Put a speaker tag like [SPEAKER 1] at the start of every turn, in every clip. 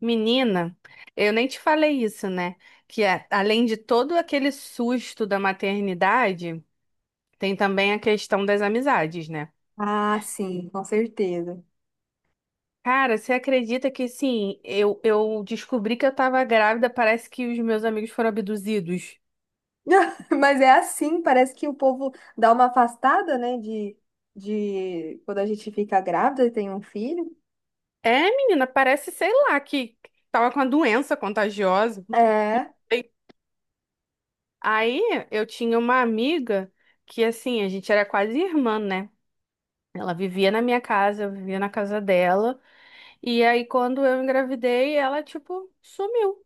[SPEAKER 1] Menina, eu nem te falei isso, né? Que além de todo aquele susto da maternidade, tem também a questão das amizades, né?
[SPEAKER 2] Ah, sim, com certeza.
[SPEAKER 1] Cara, você acredita que sim, eu descobri que eu tava grávida, parece que os meus amigos foram abduzidos.
[SPEAKER 2] Mas é assim, parece que o povo dá uma afastada, né, de quando a gente fica grávida e tem um filho.
[SPEAKER 1] É, menina, parece, sei lá, que tava com a doença contagiosa. Não
[SPEAKER 2] É.
[SPEAKER 1] sei. Aí eu tinha uma amiga que, assim, a gente era quase irmã, né? Ela vivia na minha casa, eu vivia na casa dela. E aí, quando eu engravidei, ela, tipo, sumiu.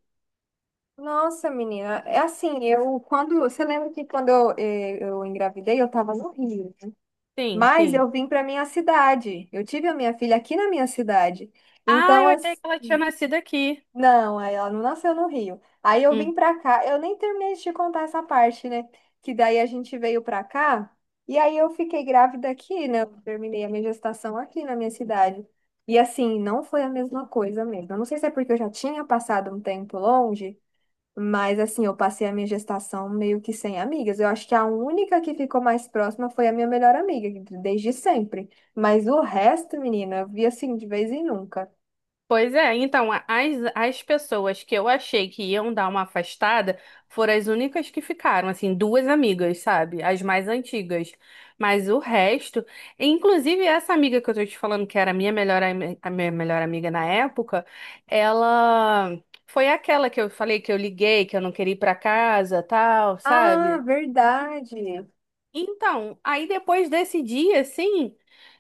[SPEAKER 2] Nossa, menina, é assim, você lembra que quando eu, eu engravidei, eu tava no Rio, né?
[SPEAKER 1] Sim,
[SPEAKER 2] Mas
[SPEAKER 1] sim.
[SPEAKER 2] eu vim para minha cidade. Eu tive a minha filha aqui na minha cidade.
[SPEAKER 1] Ah,
[SPEAKER 2] Então,
[SPEAKER 1] eu achei que ela tinha nascido aqui.
[SPEAKER 2] não, aí ela não nasceu no Rio. Aí eu
[SPEAKER 1] Hum.
[SPEAKER 2] vim pra cá, eu nem terminei de te contar essa parte, né? Que daí a gente veio pra cá e aí eu fiquei grávida aqui, né? Eu terminei a minha gestação aqui na minha cidade. E assim, não foi a mesma coisa mesmo. Eu não sei se é porque eu já tinha passado um tempo longe, mas assim, eu passei a minha gestação meio que sem amigas. Eu acho que a única que ficou mais próxima foi a minha melhor amiga, desde sempre. Mas o resto, menina, eu vi assim de vez em nunca.
[SPEAKER 1] Pois é, então, as pessoas que eu achei que iam dar uma afastada foram as únicas que ficaram, assim, duas amigas, sabe? As mais antigas. Mas o resto, inclusive essa amiga que eu tô te falando, que era a minha melhor, a minha melhor amiga na época, ela foi aquela que eu falei que eu liguei, que eu não queria ir pra casa, tal,
[SPEAKER 2] Ah,
[SPEAKER 1] sabe?
[SPEAKER 2] verdade.
[SPEAKER 1] Então, aí depois desse dia, assim,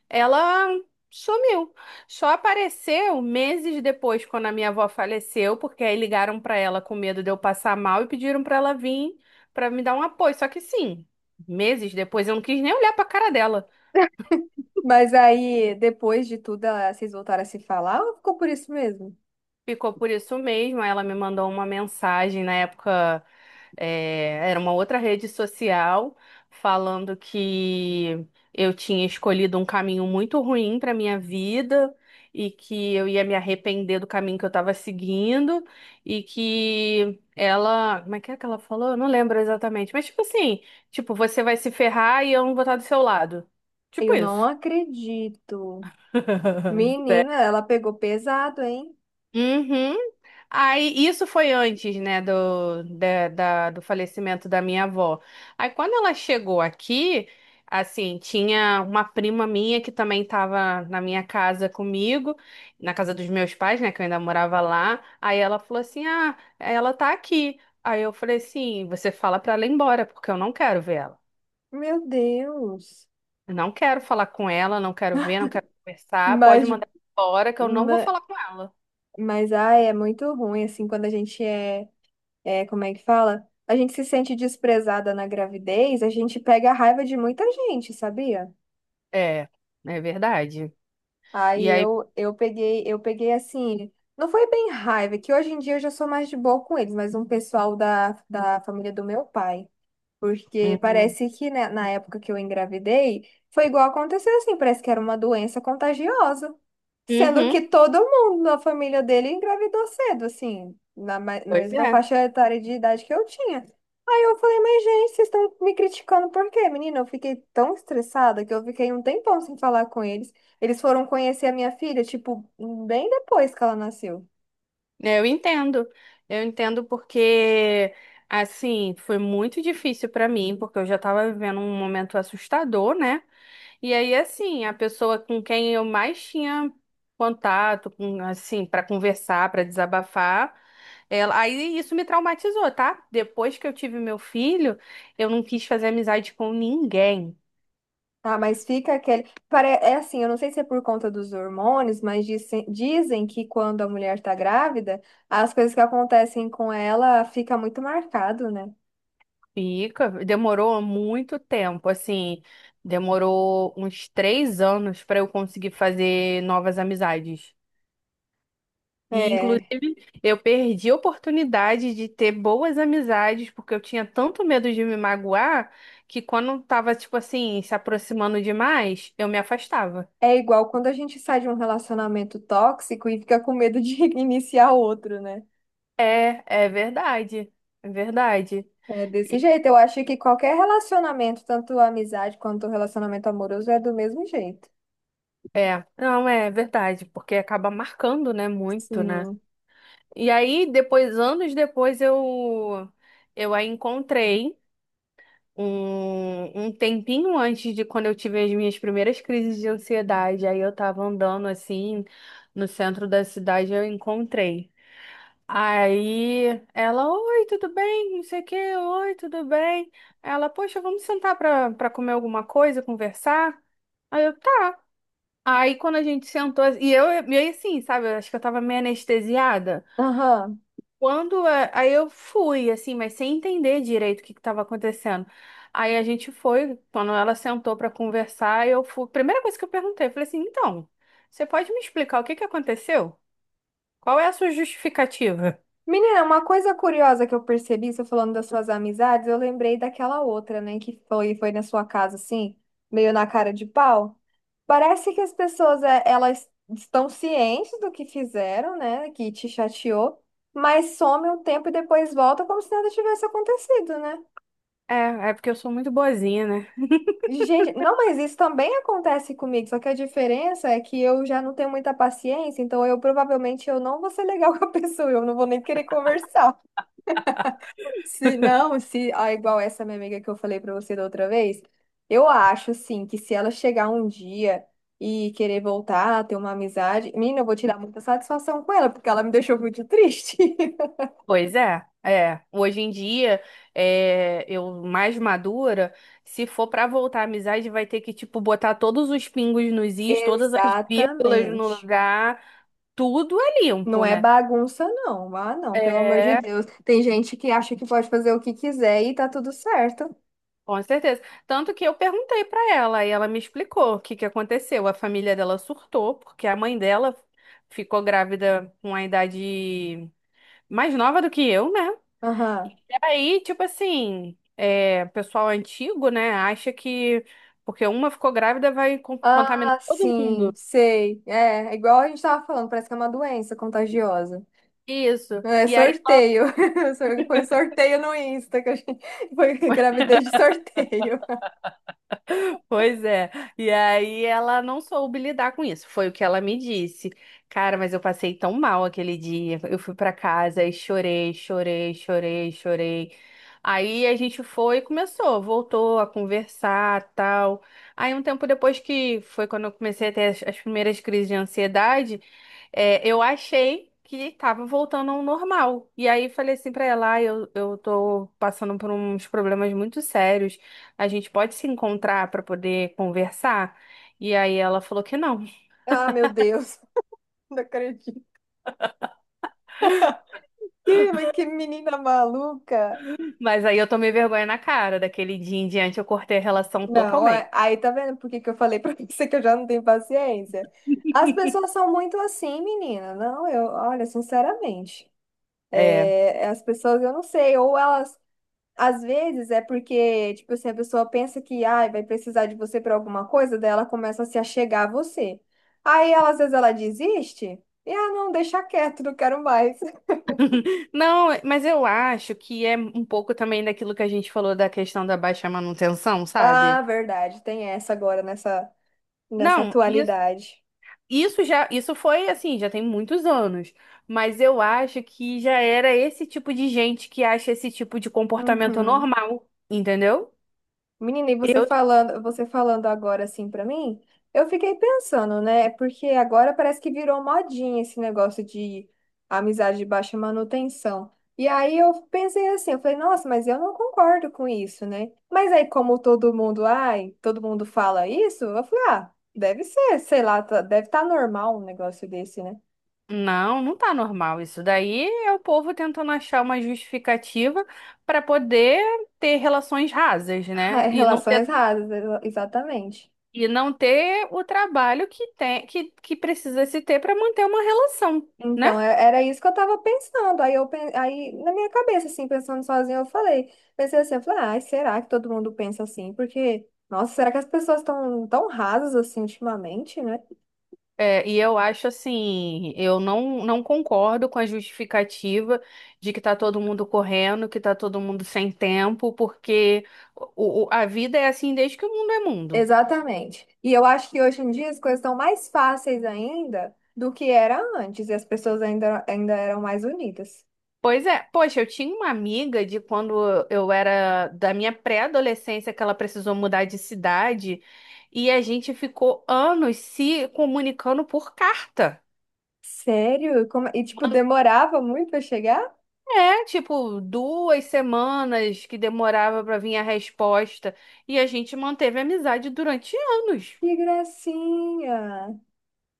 [SPEAKER 1] ela sumiu. Só apareceu meses depois, quando a minha avó faleceu, porque aí ligaram pra ela com medo de eu passar mal e pediram pra ela vir pra me dar um apoio. Só que sim, meses depois eu não quis nem olhar pra cara dela.
[SPEAKER 2] Mas aí, depois de tudo, ah, vocês voltaram a se falar ou ficou por isso mesmo?
[SPEAKER 1] Ficou por isso mesmo. Ela me mandou uma mensagem na época, era uma outra rede social, falando que eu tinha escolhido um caminho muito ruim para minha vida e que eu ia me arrepender do caminho que eu estava seguindo e que ela, como é que ela falou? Eu não lembro exatamente, mas tipo assim, tipo, você vai se ferrar e eu não vou estar do seu lado. Tipo
[SPEAKER 2] Eu não
[SPEAKER 1] isso.
[SPEAKER 2] acredito. Menina, ela pegou pesado, hein?
[SPEAKER 1] Uhum. Aí, isso foi antes, né, do, do falecimento da minha avó. Aí, quando ela chegou aqui, assim, tinha uma prima minha que também estava na minha casa comigo, na casa dos meus pais, né, que eu ainda morava lá. Aí ela falou assim: Ah, ela tá aqui. Aí eu falei assim: Você fala pra ela ir embora, porque eu não quero ver ela.
[SPEAKER 2] Meu Deus.
[SPEAKER 1] Eu não quero falar com ela, não quero ver, não quero conversar. Pode
[SPEAKER 2] Mas,
[SPEAKER 1] mandar embora, que eu não vou
[SPEAKER 2] ma-
[SPEAKER 1] falar com ela.
[SPEAKER 2] mas ai, é muito ruim, assim, quando a gente é, como é que fala? A gente se sente desprezada na gravidez, a gente pega a raiva de muita gente, sabia?
[SPEAKER 1] É, é verdade.
[SPEAKER 2] Aí
[SPEAKER 1] E aí.
[SPEAKER 2] eu peguei assim, não foi bem raiva, que hoje em dia eu já sou mais de boa com eles, mas um pessoal da família do meu pai. Porque
[SPEAKER 1] Uhum.
[SPEAKER 2] parece que, né, na época que eu engravidei, foi igual aconteceu assim, parece que era uma doença contagiosa. Sendo
[SPEAKER 1] Uhum,
[SPEAKER 2] que todo mundo na família dele engravidou cedo, assim, na
[SPEAKER 1] pois
[SPEAKER 2] mesma
[SPEAKER 1] é.
[SPEAKER 2] faixa etária de idade que eu tinha. Aí eu falei, mas gente, vocês estão me criticando por quê, menina? Eu fiquei tão estressada que eu fiquei um tempão sem falar com eles. Eles foram conhecer a minha filha, tipo, bem depois que ela nasceu.
[SPEAKER 1] Eu entendo. Eu entendo porque, assim, foi muito difícil pra mim, porque eu já tava vivendo um momento assustador, né? E aí, assim, a pessoa com quem eu mais tinha contato, com, assim, pra conversar, pra desabafar, ela... aí isso me traumatizou, tá? Depois que eu tive meu filho, eu não quis fazer amizade com ninguém.
[SPEAKER 2] Ah, mas fica aquele. É assim, eu não sei se é por conta dos hormônios, mas dizem que quando a mulher tá grávida, as coisas que acontecem com ela fica muito marcado, né?
[SPEAKER 1] Fica, demorou muito tempo, assim, demorou uns 3 anos para eu conseguir fazer novas amizades. E, inclusive,
[SPEAKER 2] É,
[SPEAKER 1] eu perdi a oportunidade de ter boas amizades, porque eu tinha tanto medo de me magoar, que quando tava, tipo assim, se aproximando demais, eu me afastava.
[SPEAKER 2] é igual quando a gente sai de um relacionamento tóxico e fica com medo de iniciar outro, né?
[SPEAKER 1] É, é verdade, é verdade.
[SPEAKER 2] É desse
[SPEAKER 1] E-
[SPEAKER 2] jeito. Eu acho que qualquer relacionamento, tanto a amizade quanto o relacionamento amoroso, é do mesmo jeito.
[SPEAKER 1] É, não, é verdade, porque acaba marcando, né, muito, né?
[SPEAKER 2] Sim.
[SPEAKER 1] E aí, depois, anos depois, eu a encontrei um tempinho antes de quando eu tive as minhas primeiras crises de ansiedade. Aí eu tava andando assim no centro da cidade, eu encontrei. Aí ela, oi, tudo bem? Não sei o quê, oi, tudo bem? Ela, poxa, vamos sentar pra, pra comer alguma coisa, conversar? Aí eu, tá. Aí quando a gente sentou, e eu assim, sabe, eu acho que eu tava meio anestesiada.
[SPEAKER 2] Aham.
[SPEAKER 1] Quando aí eu fui assim, mas sem entender direito o que estava acontecendo. Aí a gente foi, quando ela sentou para conversar, eu fui. Primeira coisa que eu perguntei, eu falei assim: "Então, você pode me explicar o que que aconteceu? Qual é a sua justificativa?"
[SPEAKER 2] Menina, uma coisa curiosa que eu percebi, você falando das suas amizades, eu lembrei daquela outra, né, que foi na sua casa, assim, meio na cara de pau. Parece que as pessoas, é, elas estão cientes do que fizeram, né, que te chateou, mas some um tempo e depois volta como se nada tivesse acontecido, né?
[SPEAKER 1] É, é porque eu sou muito boazinha, né?
[SPEAKER 2] Gente, não, mas isso também acontece comigo, só que a diferença é que eu já não tenho muita paciência, então eu provavelmente eu não vou ser legal com a pessoa, eu não vou nem querer conversar. Se não, se ah, igual essa minha amiga que eu falei pra você da outra vez, eu acho assim que se ela chegar um dia e querer voltar, ter uma amizade, menina, eu vou tirar muita satisfação com ela, porque ela me deixou muito triste.
[SPEAKER 1] Pois é, é. Hoje em dia, é, eu mais madura, se for para voltar à amizade, vai ter que, tipo, botar todos os pingos nos is, todas as vírgulas no
[SPEAKER 2] Exatamente.
[SPEAKER 1] lugar, tudo é
[SPEAKER 2] Não
[SPEAKER 1] limpo,
[SPEAKER 2] é
[SPEAKER 1] né?
[SPEAKER 2] bagunça, não. Ah, não, pelo amor de
[SPEAKER 1] É,
[SPEAKER 2] Deus. Tem gente que acha que pode fazer o que quiser e tá tudo certo.
[SPEAKER 1] com certeza. Tanto que eu perguntei para ela e ela me explicou o que que aconteceu. A família dela surtou porque a mãe dela ficou grávida com a idade mais nova do que eu, né?
[SPEAKER 2] Aham.
[SPEAKER 1] E aí, tipo assim, é, pessoal antigo, né, acha que porque uma ficou grávida vai contaminar
[SPEAKER 2] Ah,
[SPEAKER 1] todo
[SPEAKER 2] sim,
[SPEAKER 1] mundo.
[SPEAKER 2] sei. É, é igual a gente tava falando, parece que é uma doença contagiosa.
[SPEAKER 1] Isso.
[SPEAKER 2] É
[SPEAKER 1] E aí.
[SPEAKER 2] sorteio. Foi um sorteio no Insta que a gente foi gravidez de sorteio.
[SPEAKER 1] Pois é. E aí ela não soube lidar com isso. Foi o que ela me disse. Cara, mas eu passei tão mal aquele dia. Eu fui pra casa e chorei, chorei, chorei, chorei. Aí a gente foi e começou, voltou a conversar, tal. Aí um tempo depois que foi quando eu comecei a ter as, as primeiras crises de ansiedade, é, eu achei que tava voltando ao normal. E aí falei assim pra ela, ah, eu tô passando por uns problemas muito sérios. A gente pode se encontrar para poder conversar? E aí ela falou que não.
[SPEAKER 2] Ah, meu Deus, não acredito. Ih, mas que menina maluca.
[SPEAKER 1] Mas aí eu tomei vergonha na cara. Daquele dia em diante eu cortei a relação
[SPEAKER 2] Não,
[SPEAKER 1] totalmente.
[SPEAKER 2] aí tá vendo por que que eu falei pra você que eu já não tenho paciência? As pessoas são muito assim, menina. Não, eu, olha, sinceramente,
[SPEAKER 1] É.
[SPEAKER 2] é, as pessoas, eu não sei, ou elas às vezes é porque, tipo assim, a pessoa pensa que ai vai precisar de você para alguma coisa, daí ela começa a se achegar a você. Aí, ela, às vezes, ela desiste e, ah, não, deixa quieto, não quero mais.
[SPEAKER 1] Não, mas eu acho que é um pouco também daquilo que a gente falou da questão da baixa manutenção, sabe?
[SPEAKER 2] Ah, verdade, tem essa agora nessa
[SPEAKER 1] Não, isso,
[SPEAKER 2] atualidade.
[SPEAKER 1] isso já, isso foi assim, já tem muitos anos. Mas eu acho que já era esse tipo de gente que acha esse tipo de comportamento
[SPEAKER 2] Uhum.
[SPEAKER 1] normal, entendeu?
[SPEAKER 2] Menina, e você falando agora assim pra mim, eu fiquei pensando, né? Porque agora parece que virou modinha esse negócio de amizade de baixa manutenção. E aí eu pensei assim, eu falei, nossa, mas eu não concordo com isso, né? Mas aí como todo mundo, ai, todo mundo fala isso, eu falei, ah, deve ser, sei lá, tá- deve estar normal um negócio desse, né?
[SPEAKER 1] Não, não tá normal. Isso daí é o povo tentando achar uma justificativa para poder ter relações rasas, né? E não ter,
[SPEAKER 2] Relações rasas, exatamente.
[SPEAKER 1] e não ter o trabalho que tem, que precisa se ter para manter uma relação, né?
[SPEAKER 2] Então, era isso que eu tava pensando. Aí, aí na minha cabeça, assim, pensando sozinha, eu falei, pensei assim, eu falei, ai, será que todo mundo pensa assim? Porque, nossa, será que as pessoas estão tão tão rasas assim ultimamente, né?
[SPEAKER 1] É, e eu acho assim, eu não concordo com a justificativa de que tá todo mundo correndo, que tá todo mundo sem tempo, porque a vida é assim desde que o mundo é mundo.
[SPEAKER 2] Exatamente. E eu acho que hoje em dia as coisas estão mais fáceis ainda do que era antes, e as pessoas ainda eram mais unidas.
[SPEAKER 1] Pois é, poxa, eu tinha uma amiga de quando eu era da minha pré-adolescência que ela precisou mudar de cidade e a gente ficou anos se comunicando por carta.
[SPEAKER 2] Sério? Como... E, tipo, demorava muito pra chegar?
[SPEAKER 1] É, tipo, 2 semanas que demorava pra vir a resposta e a gente manteve a amizade durante anos.
[SPEAKER 2] Que gracinha!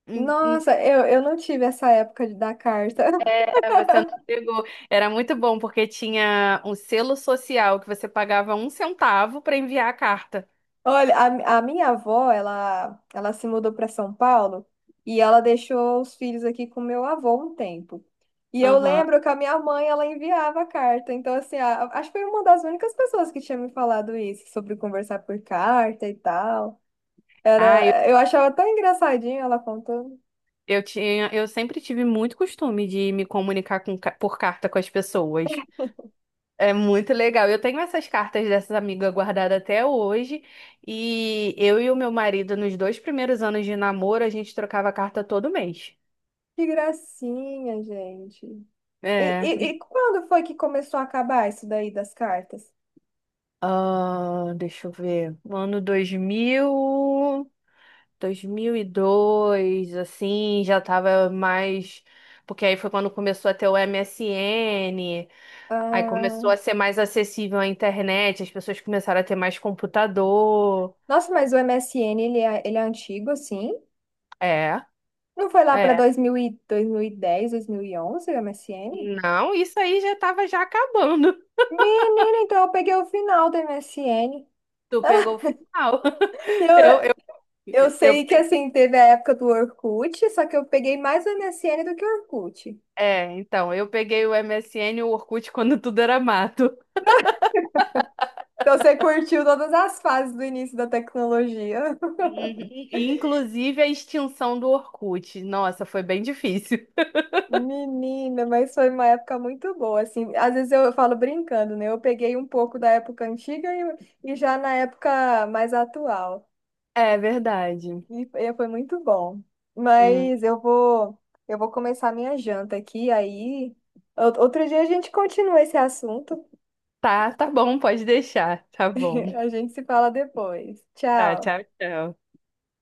[SPEAKER 1] Hum, hum,
[SPEAKER 2] Nossa, eu não tive essa época de dar carta.
[SPEAKER 1] é, você não pegou. Era muito bom porque tinha um selo social que você pagava 1 centavo pra enviar a carta.
[SPEAKER 2] Olha, a minha avó, ela se mudou para São Paulo e ela deixou os filhos aqui com meu avô um tempo. E eu
[SPEAKER 1] Aham.
[SPEAKER 2] lembro que a minha mãe, ela enviava carta. Então, assim, acho que foi uma das únicas pessoas que tinha me falado isso, sobre conversar por carta e tal.
[SPEAKER 1] Ah,
[SPEAKER 2] Era, eu achava tão engraçadinho ela contando.
[SPEAKER 1] Eu sempre tive muito costume de me comunicar com por carta com as pessoas. É muito legal. Eu tenho essas cartas dessas amigas guardadas até hoje. E eu e o meu marido, nos 2 primeiros anos de namoro, a gente trocava carta todo mês.
[SPEAKER 2] Que gracinha, gente. E,
[SPEAKER 1] É.
[SPEAKER 2] e, e quando foi que começou a acabar isso daí das cartas?
[SPEAKER 1] Ah, deixa eu ver. No ano 2000, 2002, assim, já tava mais. Porque aí foi quando começou a ter o MSN. Aí começou
[SPEAKER 2] Ah,
[SPEAKER 1] a ser mais acessível a internet, as pessoas começaram a ter mais computador.
[SPEAKER 2] nossa, mas o MSN, ele é antigo, assim?
[SPEAKER 1] É,
[SPEAKER 2] Não foi lá para
[SPEAKER 1] é.
[SPEAKER 2] dois dois dois mil mil mil e dez, 2011, o MSN?
[SPEAKER 1] Não, isso aí já estava já acabando.
[SPEAKER 2] Menina, então eu peguei o final do MSN.
[SPEAKER 1] Tu pegou o final.
[SPEAKER 2] E Eu,
[SPEAKER 1] Eu,
[SPEAKER 2] eu
[SPEAKER 1] eu,
[SPEAKER 2] sei que,
[SPEAKER 1] eu,
[SPEAKER 2] assim, teve a época do Orkut, só que eu peguei mais o MSN do que o Orkut.
[SPEAKER 1] então, eu peguei o MSN e o Orkut quando tudo era mato. Uhum.
[SPEAKER 2] Então você curtiu todas as fases do início da tecnologia.
[SPEAKER 1] E, inclusive a extinção do Orkut. Nossa, foi bem difícil.
[SPEAKER 2] Menina, mas foi uma época muito boa, assim. Às vezes eu falo brincando, né? Eu peguei um pouco da época antiga e já na época mais atual.
[SPEAKER 1] É verdade.
[SPEAKER 2] E foi muito bom.
[SPEAKER 1] Hum.
[SPEAKER 2] Mas eu vou começar minha janta aqui, aí outro dia a gente continua esse assunto.
[SPEAKER 1] Tá, tá bom, pode deixar. Tá bom.
[SPEAKER 2] A gente se fala depois.
[SPEAKER 1] Tá,
[SPEAKER 2] Tchau.
[SPEAKER 1] tchau, tchau.